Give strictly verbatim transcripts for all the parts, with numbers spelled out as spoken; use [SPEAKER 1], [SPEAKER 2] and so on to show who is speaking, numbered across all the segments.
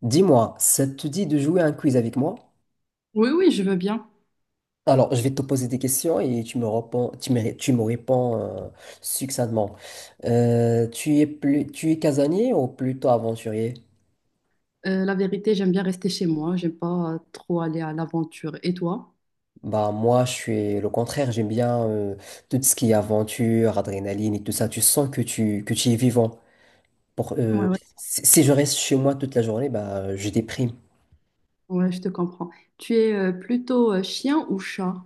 [SPEAKER 1] Dis-moi, ça te dit de jouer à un quiz avec moi?
[SPEAKER 2] Oui, oui, je veux bien.
[SPEAKER 1] Alors, je vais te poser des questions et tu me réponds, tu me, tu me réponds euh, succinctement. Euh, tu es plus, tu es casanier ou plutôt aventurier?
[SPEAKER 2] Euh, la vérité, j'aime bien rester chez moi. J'aime pas euh, trop aller à l'aventure. Et toi?
[SPEAKER 1] Bah moi, je suis le contraire. J'aime bien euh, tout ce qui est aventure, adrénaline et tout ça. Tu sens que tu que tu es vivant. Pour,
[SPEAKER 2] Ouais,
[SPEAKER 1] euh,
[SPEAKER 2] ouais,
[SPEAKER 1] si si je reste chez moi toute la journée, bah je déprime.
[SPEAKER 2] ouais, je te comprends. Tu es euh, plutôt euh, chien ou chat?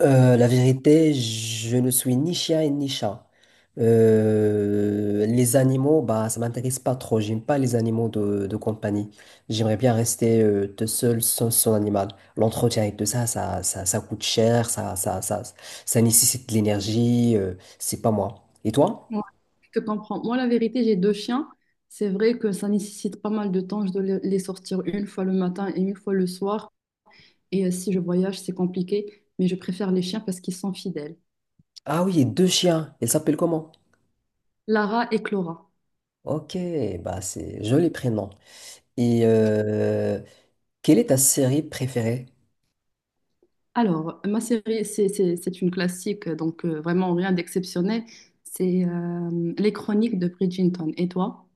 [SPEAKER 1] Euh, la vérité, je ne suis ni chien et ni chat. Euh, les animaux, bah, ça m'intéresse pas trop. J'aime pas les animaux de, de compagnie. J'aimerais bien rester euh, tout seul sans son animal. L'entretien et tout ça, ça, ça, ça coûte cher, ça, ça, ça, ça nécessite de l'énergie. Euh, c'est pas moi. Et toi?
[SPEAKER 2] Ouais, je te comprends. Moi, la vérité, j'ai deux chiens. C'est vrai que ça nécessite pas mal de temps. Je dois le- les sortir une fois le matin et une fois le soir. Et euh, si je voyage, c'est compliqué. Mais je préfère les chiens parce qu'ils sont fidèles.
[SPEAKER 1] Ah oui, deux chiens. Ils s'appellent comment?
[SPEAKER 2] Lara et Clara.
[SPEAKER 1] Ok, bah c'est joli prénom. Et euh, Quelle est ta série préférée?
[SPEAKER 2] Alors, ma série, c'est c'est- c'est une classique, donc euh, vraiment rien d'exceptionnel. C'est euh, Les Chroniques de Bridgerton. Et toi?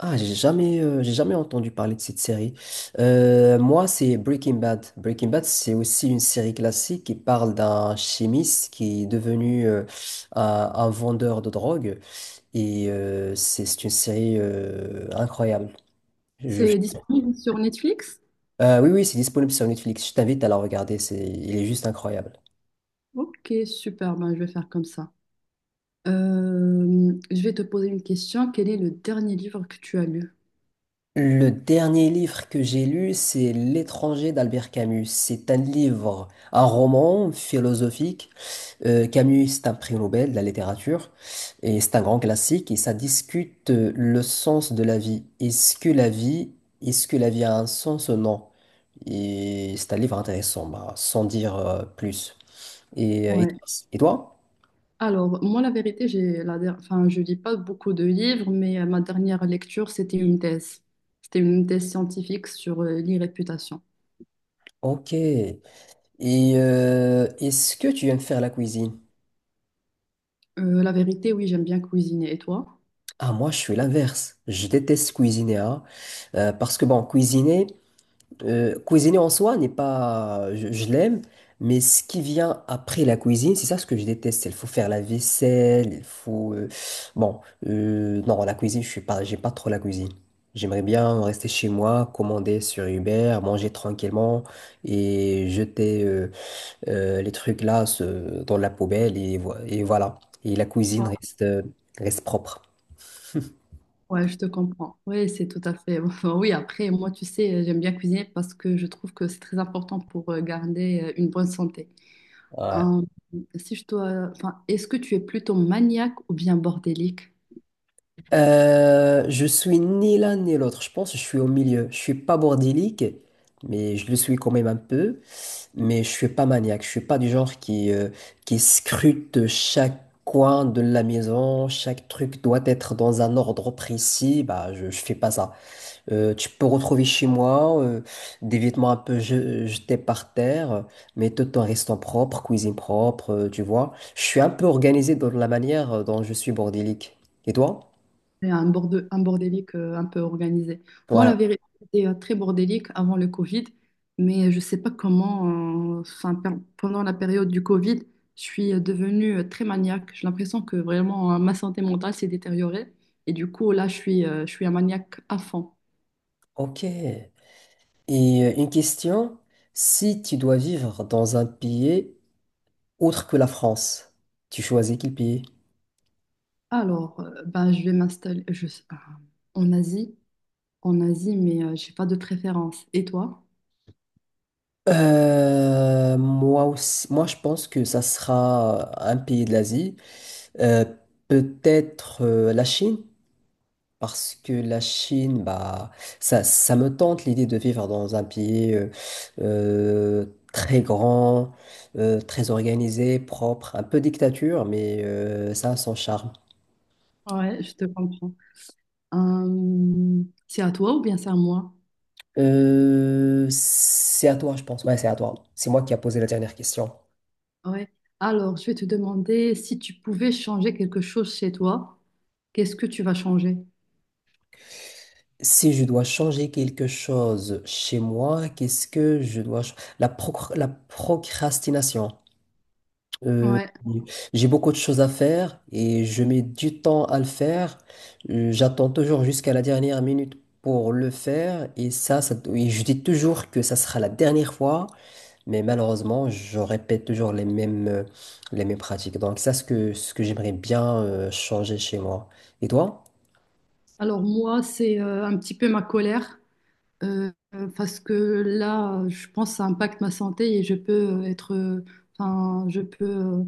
[SPEAKER 1] Ah, j'ai jamais, euh, j'ai jamais entendu parler de cette série. Euh, moi, c'est Breaking Bad. Breaking Bad, c'est aussi une série classique qui parle d'un chimiste qui est devenu euh, un, un vendeur de drogue. Et euh, c'est c'est une série euh, incroyable. Je-
[SPEAKER 2] C'est disponible sur Netflix?
[SPEAKER 1] Euh, oui, oui, c'est disponible sur Netflix. Je t'invite à la regarder. C'est, il est juste incroyable.
[SPEAKER 2] Ok, super, ben, je vais faire comme ça. Euh, je vais te poser une question. Quel est le dernier livre que tu as lu?
[SPEAKER 1] Le dernier livre que j'ai lu, c'est L'étranger d'Albert Camus. C'est un livre, un roman philosophique. Euh, Camus, c'est un prix Nobel de la littérature et c'est un grand classique et ça discute euh, le sens de la vie. Est-ce que la vie, est-ce que la vie a un sens ou non? Et c'est un livre intéressant, bah, sans dire euh, plus. Et, euh, et
[SPEAKER 2] Ouais.
[SPEAKER 1] toi? et toi
[SPEAKER 2] Alors, moi, la vérité, j'ai la der- enfin, je lis pas beaucoup de livres, mais euh, ma dernière lecture, c'était une thèse. C'était une thèse scientifique sur euh, l'irréputation.
[SPEAKER 1] Ok. Et euh, est-ce que tu aimes faire la cuisine?
[SPEAKER 2] Euh, la vérité, oui, j'aime bien cuisiner. Et toi?
[SPEAKER 1] Ah, moi, je suis l'inverse. Je déteste cuisiner, hein, euh, parce que bon, cuisiner. Euh, cuisiner en soi n'est pas, je, je l'aime, mais ce qui vient après la cuisine, c'est ça ce que je déteste. Il faut faire la vaisselle, il faut, euh, bon, euh, non, la cuisine, je suis pas, j'aime pas trop la cuisine. J'aimerais bien rester chez moi, commander sur Uber, manger tranquillement et jeter euh, euh, les trucs là ce- dans la poubelle et, vo- et voilà. Et la cuisine reste, euh, reste propre.
[SPEAKER 2] Ouais, je te comprends. Oui, c'est tout à fait. Enfin, oui, après, moi, tu sais, j'aime bien cuisiner parce que je trouve que c'est très important pour euh, garder euh, une bonne santé.
[SPEAKER 1] Ouais.
[SPEAKER 2] Hein, si je dois, enfin, est-ce que tu es plutôt maniaque ou bien bordélique?
[SPEAKER 1] Euh, je suis ni l'un ni l'autre, je pense, je suis au milieu. Je suis pas bordélique, mais je le suis quand même un peu, mais je suis pas maniaque, je suis pas du genre qui, euh, qui scrute chaque coin de la maison, chaque truc doit être dans un ordre précis, bah je, je fais pas ça. Euh, tu peux retrouver chez moi euh, des vêtements un peu je- jetés par terre, mais tout en restant propre, cuisine propre, euh, tu vois. Je suis un peu organisé dans la manière dont je suis bordélique. Et toi?
[SPEAKER 2] C'est un borde- un bordélique euh, un peu organisé. Moi,
[SPEAKER 1] Ouais.
[SPEAKER 2] la vérité, c'était euh, très bordélique avant le Covid, mais je ne sais pas comment, euh, enfin, per- pendant la période du Covid, je suis euh, devenue euh, très maniaque. J'ai l'impression que vraiment euh, ma santé mentale s'est détériorée. Et du coup, là, je suis, euh, je suis un maniaque à fond.
[SPEAKER 1] Ok. Et euh, une question, si tu dois vivre dans un pays autre que la France, tu choisis quel pays?
[SPEAKER 2] Alors, euh, ben, je vais m'installer je- euh, en Asie, en Asie, mais euh, j'ai pas de préférence. Et toi?
[SPEAKER 1] Euh, moi aussi, moi je pense que ça sera un pays de l'Asie. Euh, Peut-être euh, la Chine, parce que la Chine, bah, ça, ça me tente l'idée de vivre dans un pays euh, euh, très grand, euh, très organisé, propre, un peu dictature, mais euh, ça a son charme.
[SPEAKER 2] Ouais, je te comprends. Euh, c'est à toi ou bien c'est à moi?
[SPEAKER 1] Euh, c'est à toi, je pense. Ouais, c'est à toi. C'est moi qui a posé la dernière question.
[SPEAKER 2] Ouais. Alors, je vais te demander si tu pouvais changer quelque chose chez toi, qu'est-ce que tu vas changer?
[SPEAKER 1] Si je dois changer quelque chose chez moi, qu'est-ce que je dois... ch- La, procr- la procrastination. Euh,
[SPEAKER 2] Ouais.
[SPEAKER 1] j'ai beaucoup de choses à faire et je mets du temps à le faire. Euh, J'attends toujours jusqu'à la dernière minute pour le faire et ça, ça- et je dis toujours que ça sera la dernière fois. Mais malheureusement, je répète toujours les mêmes, euh, les mêmes pratiques. Donc ça, ce que, ce que j'aimerais bien euh, changer chez moi. Et toi?
[SPEAKER 2] Alors moi, c'est euh, un petit peu ma colère euh, euh, parce que là, je pense que ça impacte ma santé et je peux euh, être, euh, enfin, je peux, euh,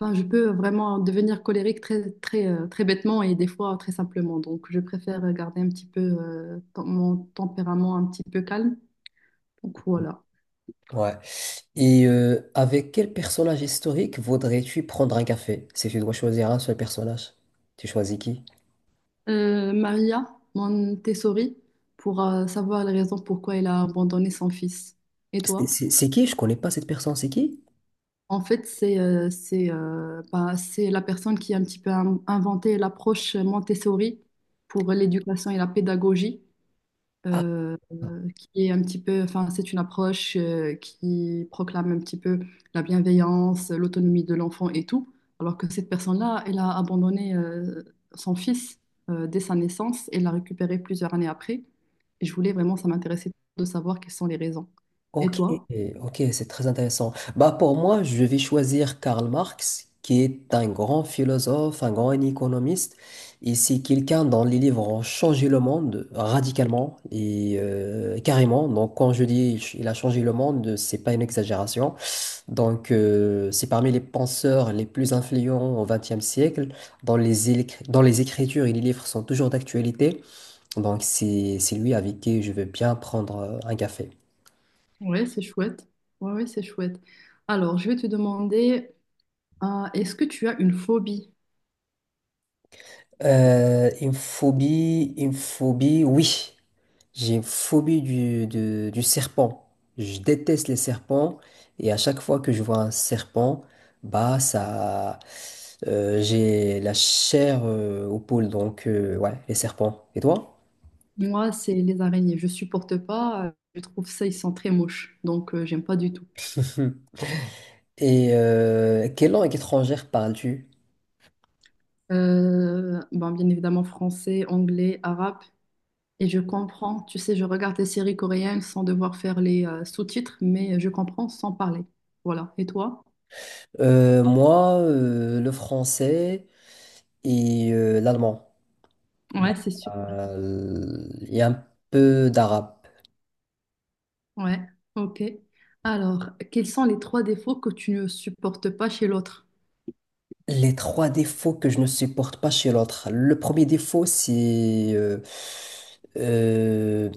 [SPEAKER 2] enfin, je peux vraiment devenir colérique très, très, euh, très bêtement et des fois très simplement. Donc, je préfère garder un petit peu euh, ton- mon tempérament un petit peu calme. Donc voilà.
[SPEAKER 1] Ouais. Et euh, avec quel personnage historique voudrais-tu prendre un café? Si tu dois choisir un seul personnage, tu choisis qui?
[SPEAKER 2] euh, Maria Montessori pour euh, savoir les raisons pourquoi elle a abandonné son fils. Et
[SPEAKER 1] C'est
[SPEAKER 2] toi?
[SPEAKER 1] c'est- c'est qui? Je connais pas cette personne, c'est qui?
[SPEAKER 2] En fait, c'est euh, c'est euh, bah, c'est la personne qui a un petit peu in- inventé l'approche Montessori pour l'éducation et la pédagogie
[SPEAKER 1] Ah.
[SPEAKER 2] euh, euh, qui est un petit peu, enfin, c'est une approche euh, qui proclame un petit peu la bienveillance, l'autonomie de l'enfant et tout, alors que cette personne-là, elle a abandonné euh, son fils euh, dès sa naissance et l'a récupéré plusieurs années après. Et je voulais vraiment, ça m'intéressait de savoir quelles sont les raisons. Et
[SPEAKER 1] Ok,
[SPEAKER 2] toi?
[SPEAKER 1] ok, c'est très intéressant. Bah pour moi, je vais choisir Karl Marx, qui est un grand philosophe, un grand économiste, et c'est quelqu'un dont les livres ont changé le monde radicalement et euh, carrément. Donc quand je dis ch- il a changé le monde, c'est pas une exagération. Donc euh, c'est parmi les penseurs les plus influents au XXe siècle, dont les, éle- dont les écritures et les livres sont toujours d'actualité. Donc c'est c'est lui avec qui je veux bien prendre euh, un café.
[SPEAKER 2] Ouais, c'est chouette. Ouais, ouais, c'est chouette. Alors, je vais te demander, euh, est-ce que tu as une phobie?
[SPEAKER 1] Euh, une phobie, une phobie, oui. J'ai une phobie du, de- du serpent. Je déteste les serpents et à chaque fois que je vois un serpent, bah ça, euh, j'ai la chair euh, au poule. Donc euh, ouais, les serpents. Et toi?
[SPEAKER 2] Moi, c'est les araignées. Je supporte pas. euh, Je trouve ça, ils sont très moches. Donc, euh, j'aime pas du tout.
[SPEAKER 1] Et euh, quelle langue étrangère parles-tu?
[SPEAKER 2] Euh, bon, bien évidemment français, anglais, arabe. Et je comprends, tu sais, je regarde des séries coréennes sans devoir faire les euh, sous-titres, mais je comprends sans parler. Voilà. Et toi?
[SPEAKER 1] Euh, moi, euh, le français et euh, l'allemand. Bah,
[SPEAKER 2] Ouais, c'est sûr.
[SPEAKER 1] euh, il y a un peu d'arabe.
[SPEAKER 2] Ouais, ok. Alors, quels sont les trois défauts que tu ne supportes pas chez l'autre?
[SPEAKER 1] Les trois défauts que je ne supporte pas chez l'autre. Le premier défaut, c'est euh, euh,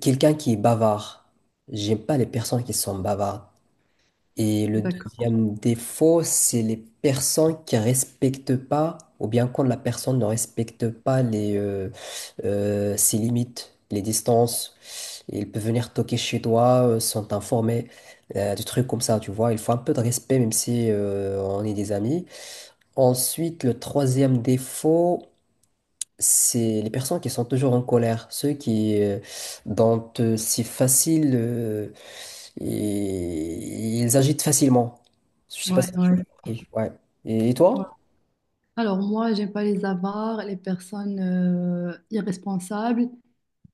[SPEAKER 1] quelqu'un qui est bavard. J'aime pas les personnes qui sont bavardes. Et le
[SPEAKER 2] D'accord.
[SPEAKER 1] deuxième défaut, c'est les personnes qui respectent pas, ou bien quand la personne ne respecte pas les, euh, euh, ses limites, les distances. Il peut venir toquer chez toi, euh, sans t'informer, euh, des trucs comme ça, tu vois. Il faut un peu de respect, même si euh, on est des amis. Ensuite, le troisième défaut, c'est les personnes qui sont toujours en colère, ceux qui, euh, dont euh, c'est facile, euh, et- ils agitent facilement. Je sais pas
[SPEAKER 2] Ouais,
[SPEAKER 1] si tu m'as
[SPEAKER 2] ouais.
[SPEAKER 1] compris. Ouais. Et, et
[SPEAKER 2] Ouais.
[SPEAKER 1] toi?
[SPEAKER 2] Alors, moi, j'aime pas les avares, les personnes euh, irresponsables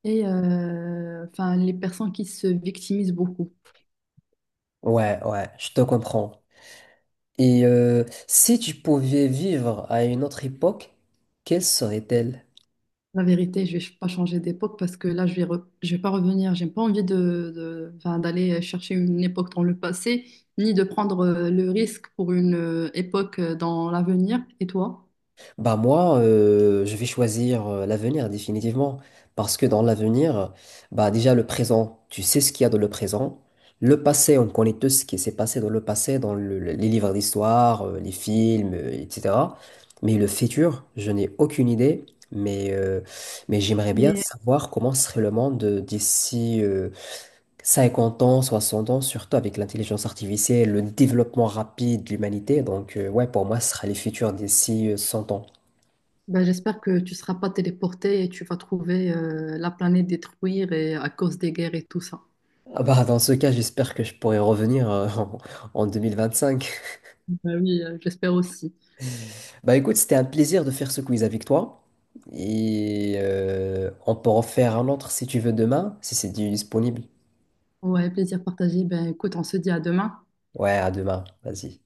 [SPEAKER 2] et euh, enfin, les personnes qui se victimisent beaucoup.
[SPEAKER 1] Ouais, ouais, je te comprends. Et euh, si tu pouvais vivre à une autre époque, quelle serait-elle?
[SPEAKER 2] La vérité, je vais pas changer d'époque parce que là, je vais, re- je vais pas revenir. J'ai pas envie de, de- enfin, d'aller chercher une époque dans le passé, ni de prendre euh, le risque pour une euh, époque euh, dans l'avenir. Et toi?
[SPEAKER 1] Bah moi, euh, je vais choisir euh, l'avenir définitivement. Parce que dans l'avenir, bah déjà le présent, tu sais ce qu'il y a dans le présent. Le passé, on connaît tout ce qui s'est passé dans le passé, dans le- le- les livres d'histoire, euh, les films, euh, et cætera. Mais le futur, je n'ai aucune idée. Mais, euh, mais j'aimerais bien
[SPEAKER 2] Mais
[SPEAKER 1] savoir comment serait le monde euh, d'ici euh, cinquante ans, soixante ans, surtout avec l'intelligence artificielle, le développement rapide de l'humanité. Donc euh, ouais, pour moi, ce sera les futurs d'ici euh, cent ans.
[SPEAKER 2] ben, j'espère que tu seras pas téléporté et tu vas trouver euh, la planète détruite et à cause des guerres et tout ça.
[SPEAKER 1] Ah bah, dans ce cas, j'espère que je pourrai revenir euh, en, en deux mille vingt-cinq.
[SPEAKER 2] Ben oui, euh, j'espère aussi.
[SPEAKER 1] Bah écoute, c'était un plaisir de faire ce quiz avec toi. Et euh, on peut en faire un autre si tu veux demain, si c'est disponible.
[SPEAKER 2] Ouais, plaisir partagé. Ben écoute, on se dit à demain.
[SPEAKER 1] Ouais, à demain, vas-y.